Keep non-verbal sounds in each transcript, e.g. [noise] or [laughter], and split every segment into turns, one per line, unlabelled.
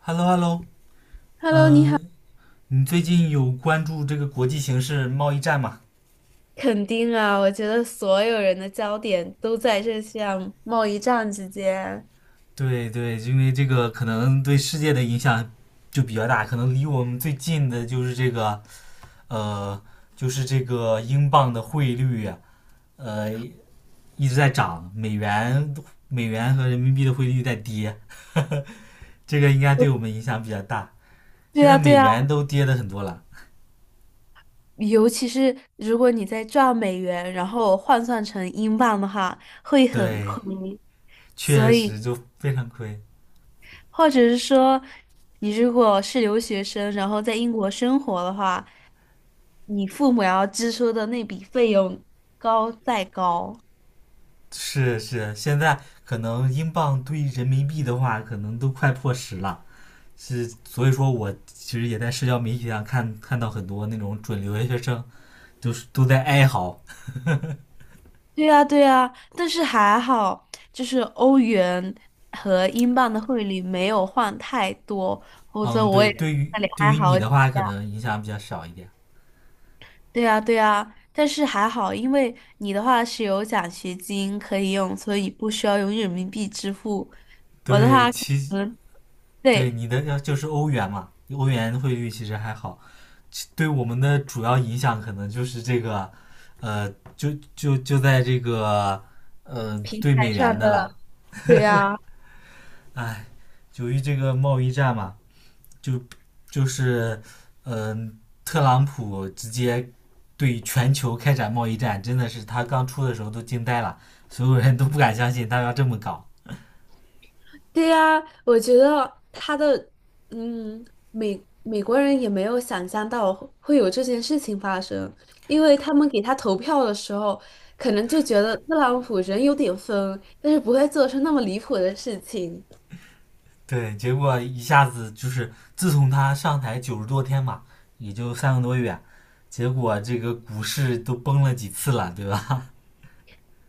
Hello Hello，
Hello，你
嗯，
好，
呃你最近有关注这个国际形势、贸易战吗？
肯定啊，我觉得所有人的焦点都在这项贸易战之间。
对对，因为这个可能对世界的影响就比较大，可能离我们最近的就是这个呃，就是这个英镑的汇率啊，一直在涨，美元和人民币的汇率在跌，[laughs] 这个应该对我们影响比较大。
对
现
啊，
在美
对啊，
元都跌的很多了，
尤其是如果你在赚美元，然后换算成英镑的话，会很
对，
亏。所
确
以，
实就非常亏。
或者是说，你如果是留学生，然后在英国生活的话，你父母要支出的那笔费用高再高。
是是，现在可能英镑兑人民币的话，可能都快破十了。是，所以说我其实也在社交媒体上看到很多那种准留学生，就是都在哀嚎。
对呀，对呀，但是还好，就是欧元和英镑的汇率没有换太多，否则
嗯，
我
对，
也在
对于
那里
对
哀
于你
嚎。
的话，可能影响比较少一点。
对呀，对呀，但是还好，因为你的话是有奖学金可以用，所以不需要用人民币支付。
对，其
嗯，
对
对，
你的要就是欧元嘛，欧元汇率其实还好。其对我们的主要影响可能就是这个，呃，就在这个，
平
兑
台
美元
上
的
的，
了。
对呀。
[laughs] 哎。由于这个贸易战嘛，就就是嗯、呃特朗普直接对全球开展贸易战，真的是他刚出的时候都惊呆了，所有人都不敢相信他要这么搞。
对呀，我觉得他的嗯，美国人也没有想象到会有这件事情发生，因为他们给他投票的时候，可能就觉得特朗普人有点疯，但是不会做出那么离谱的事情。
对，结果一下子就是自从他上台90多天嘛，也就3个多月，结果这个股市都崩了几次了，对吧？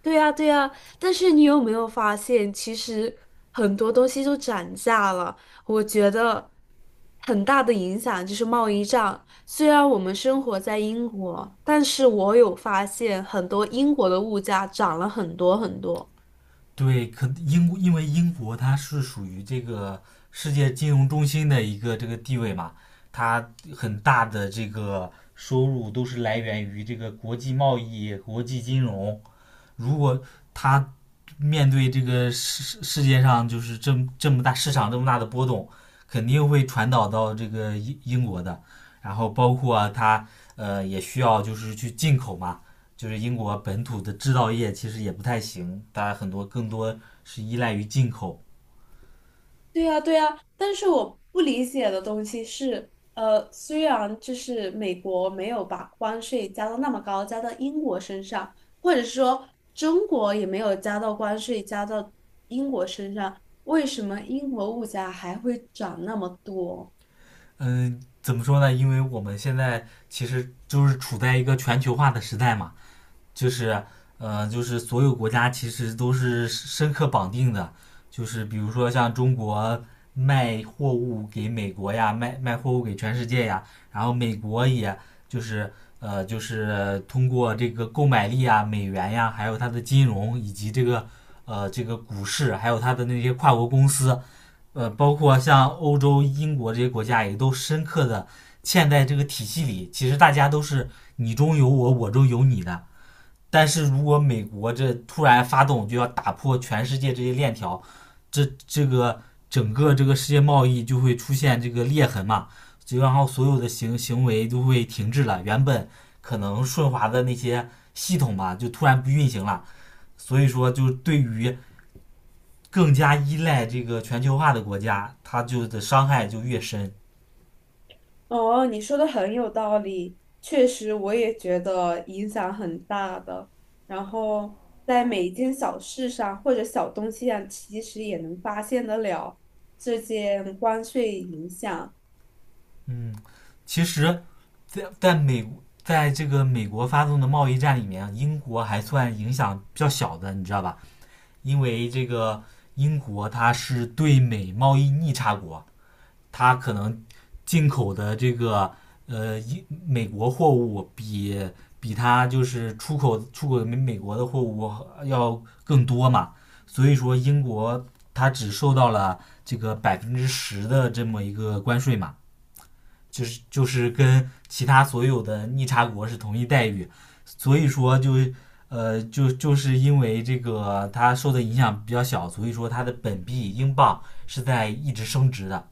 对呀，对呀，但是你有没有发现，其实很多东西都涨价了？我觉得很大的影响就是贸易战。虽然我们生活在英国，但是我有发现很多英国的物价涨了很多很多。
对，可英国因为英国它是属于这个世界金融中心的一个这个地位嘛，它很大的这个收入都是来源于这个国际贸易、国际金融，如果他面对这个世界上就是这么大市场这么大的波动，肯定会传导到这个英国的。然后包括、啊、他也需要就是去进口嘛，就是英国本土的制造业其实也不太行，大家很多更多是依赖于进口。
对呀，对呀，但是我不理解的东西是，虽然就是美国没有把关税加到那么高，加到英国身上，或者说中国也没有加到关税加到英国身上，为什么英国物价还会涨那么多？
嗯，怎么说呢？因为我们现在其实就是处在一个全球化的时代嘛。就是就是所有国家其实都是深刻绑定的，就是比如说像中国卖货物给美国呀，卖货物给全世界呀，然后美国也就是就是通过这个购买力啊、美元呀，还有它的金融以及这个这个股市，还有它的那些跨国公司，包括像欧洲、英国这些国家也都深刻的嵌在这个体系里。其实大家都是你中有我，我中有你的，但是如果美国这突然发动，就要打破全世界这些链条，这这个整个这个世界贸易就会出现这个裂痕嘛，就然后所有的行为都会停滞了，原本可能顺滑的那些系统吧，就突然不运行了。所以说，就对于更加依赖这个全球化的国家，它就的伤害就越深。
哦，你说的很有道理，确实我也觉得影响很大的。然后在每一件小事上或者小东西上，其实也能发现得了这件关税影响。
嗯，其实在在美在这个美国发动的贸易战里面，英国还算影响比较小的，你知道吧？因为这个英国它是对美贸易逆差国，它可能进口的这个英美国货物比它就是出口美国的货物要更多嘛，所以说英国它只受到了这个10%的这么一个关税嘛。就是就是跟其他所有的逆差国是同一待遇，所以说就因为这个它受的影响比较小，所以说它的本币英镑是在一直升值的。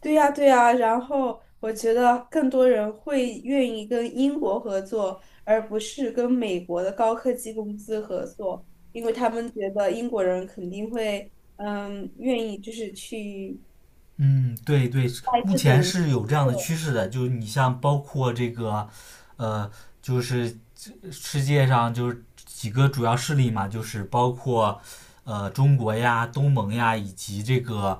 对呀，对呀。然后我觉得更多人会愿意跟英国合作，而不是跟美国的高科技公司合作，因为他们觉得英国人肯定会，嗯，愿意就是去。
嗯，对对，目前是有这样的趋势的，就是你像包括这个，呃，就是世界上就是几个主要势力嘛，就是包括中国呀、东盟呀，以及这个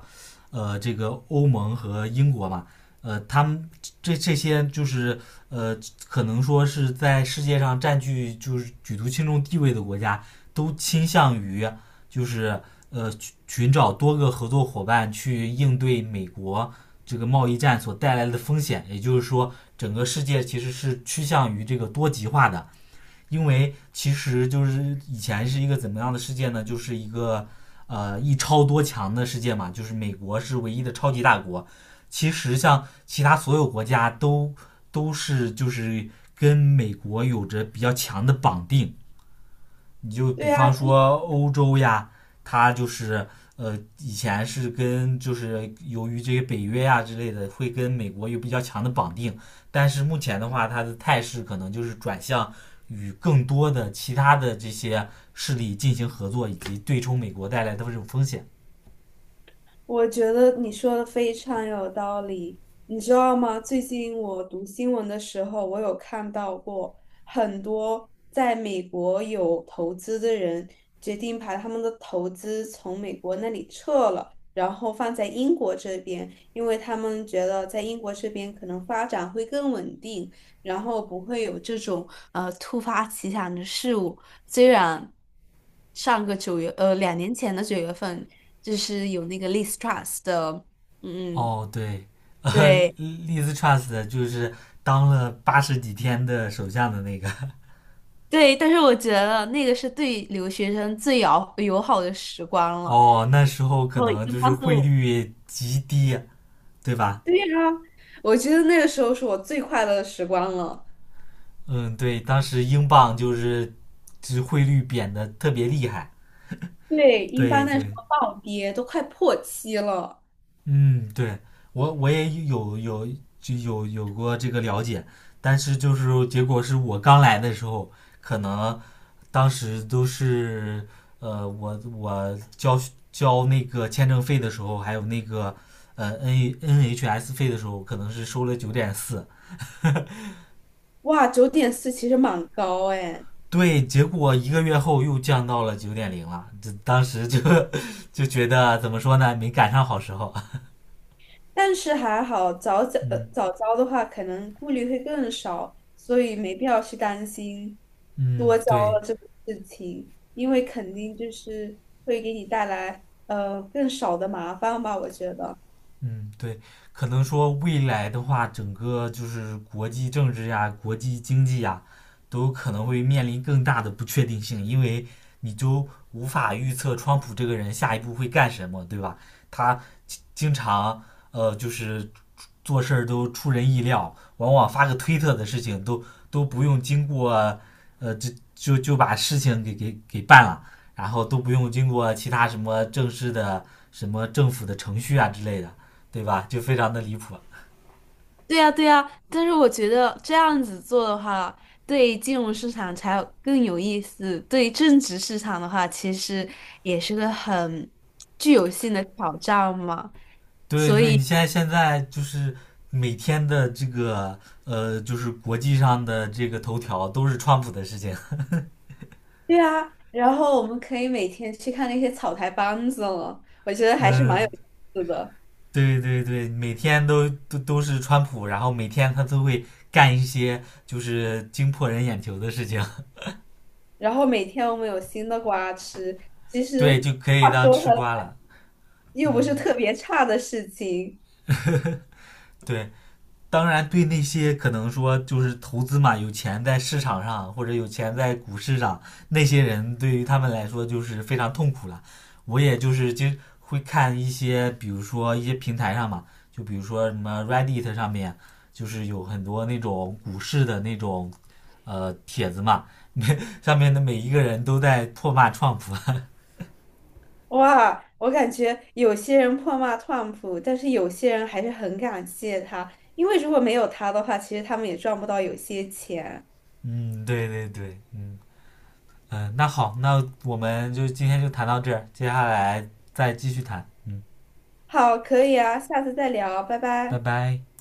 这个欧盟和英国嘛，他们这些就是呃可能说是在世界上占据就是举足轻重地位的国家，都倾向于就是寻找多个合作伙伴去应对美国这个贸易战所带来的风险。也就是说，整个世界其实是趋向于这个多极化的，因为其实就是以前是一个怎么样的世界呢？就是一个一超多强的世界嘛，就是美国是唯一的超级大国。其实像其他所有国家都是就是跟美国有着比较强的绑定，你就比
对呀，
方说欧洲呀，它就是以前是跟就是由于这些北约呀之类的，会跟美国有比较强的绑定，但是目前的话，它的态势可能就是转向与更多的其他的这些势力进行合作，以及对冲美国带来的这种风险。
我觉得你说的非常有道理，你知道吗？最近我读新闻的时候，我有看到过很多在美国有投资的人决定把他们的投资从美国那里撤了，然后放在英国这边，因为他们觉得在英国这边可能发展会更稳定，然后不会有这种突发奇想的事物。虽然上个九月，两年前的九月份，就是有那个 Liz Truss 的，嗯，
哦，对 [laughs]，
对
利 z trust 就是当了80几天的首相的那个。[laughs]
对，但是我觉得那个是对留学生最友好的时光了。
哦，那时候可
然后
能
一
就是
般
汇
都，
率极低，对吧？
对呀，我觉得那个时候是我最快乐的时光了。
嗯，对，当时英镑就是就是汇率贬的特别厉害。
对，一
对
般那时
对，
候暴跌都快破七了，
嗯，对我也有有就有有过这个了解，但是就是结果是我刚来的时候，可能当时都是我交那个签证费的时候，还有那个N N H S 费的时候，可能是收了九点四，
哇，9.4其实蛮高哎。
对，结果一个月后又降到了九点零了，这当时就就觉得怎么说呢，没赶上好时候。
但是还好，
嗯
早交的话，可能顾虑会更少，所以没必要去担心
嗯，
多交
对，
了这个事情，因为肯定就是会给你带来更少的麻烦吧，我觉得。
嗯对，可能说未来的话，整个就是国际政治呀、国际经济呀，都可能会面临更大的不确定性，因为你就无法预测川普这个人下一步会干什么，对吧？他经常就是做事儿都出人意料，往往发个推特的事情都不用经过，呃，就就把事情给办了，然后都不用经过其他什么正式的什么政府的程序啊之类的，对吧？就非常的离谱。
对呀，对呀，但是我觉得这样子做的话，对金融市场才有更有意思。对正职市场的话，其实也是个很具有性的挑战嘛。
对
所
对，你
以
现在就是每天的这个就是国际上的这个头条都是川普的事情，
对啊，然后我们可以每天去看那些草台班子了，我觉得还是蛮有
嗯，
意思的。
对对对，每天都是川普，然后每天他都会干一些就是惊破人眼球的事情，
然后每天我们有新的瓜吃，其
[laughs] 对，
实
就可以
话
当
说
吃
回
瓜
来，
了。
又不是
嗯，
特别差的事情。
[laughs] 对，当然对那些可能说就是投资嘛，有钱在市场上或者有钱在股市上那些人，对于他们来说就是非常痛苦了。我也就是经会看一些，比如说一些平台上嘛，就比如说什么 Reddit 上面，就是有很多那种股市的那种。帖子嘛，[laughs] 上面的每一个人都在唾骂创普。
哇，我感觉有些人破骂川普，但是有些人还是很感谢他，因为如果没有他的话，其实他们也赚不到有些钱。
[laughs] 嗯，对对对，那好，那我们就今天就谈到这儿，接下来再继续谈。嗯，
好，可以啊，下次再聊，拜
拜
拜。
拜。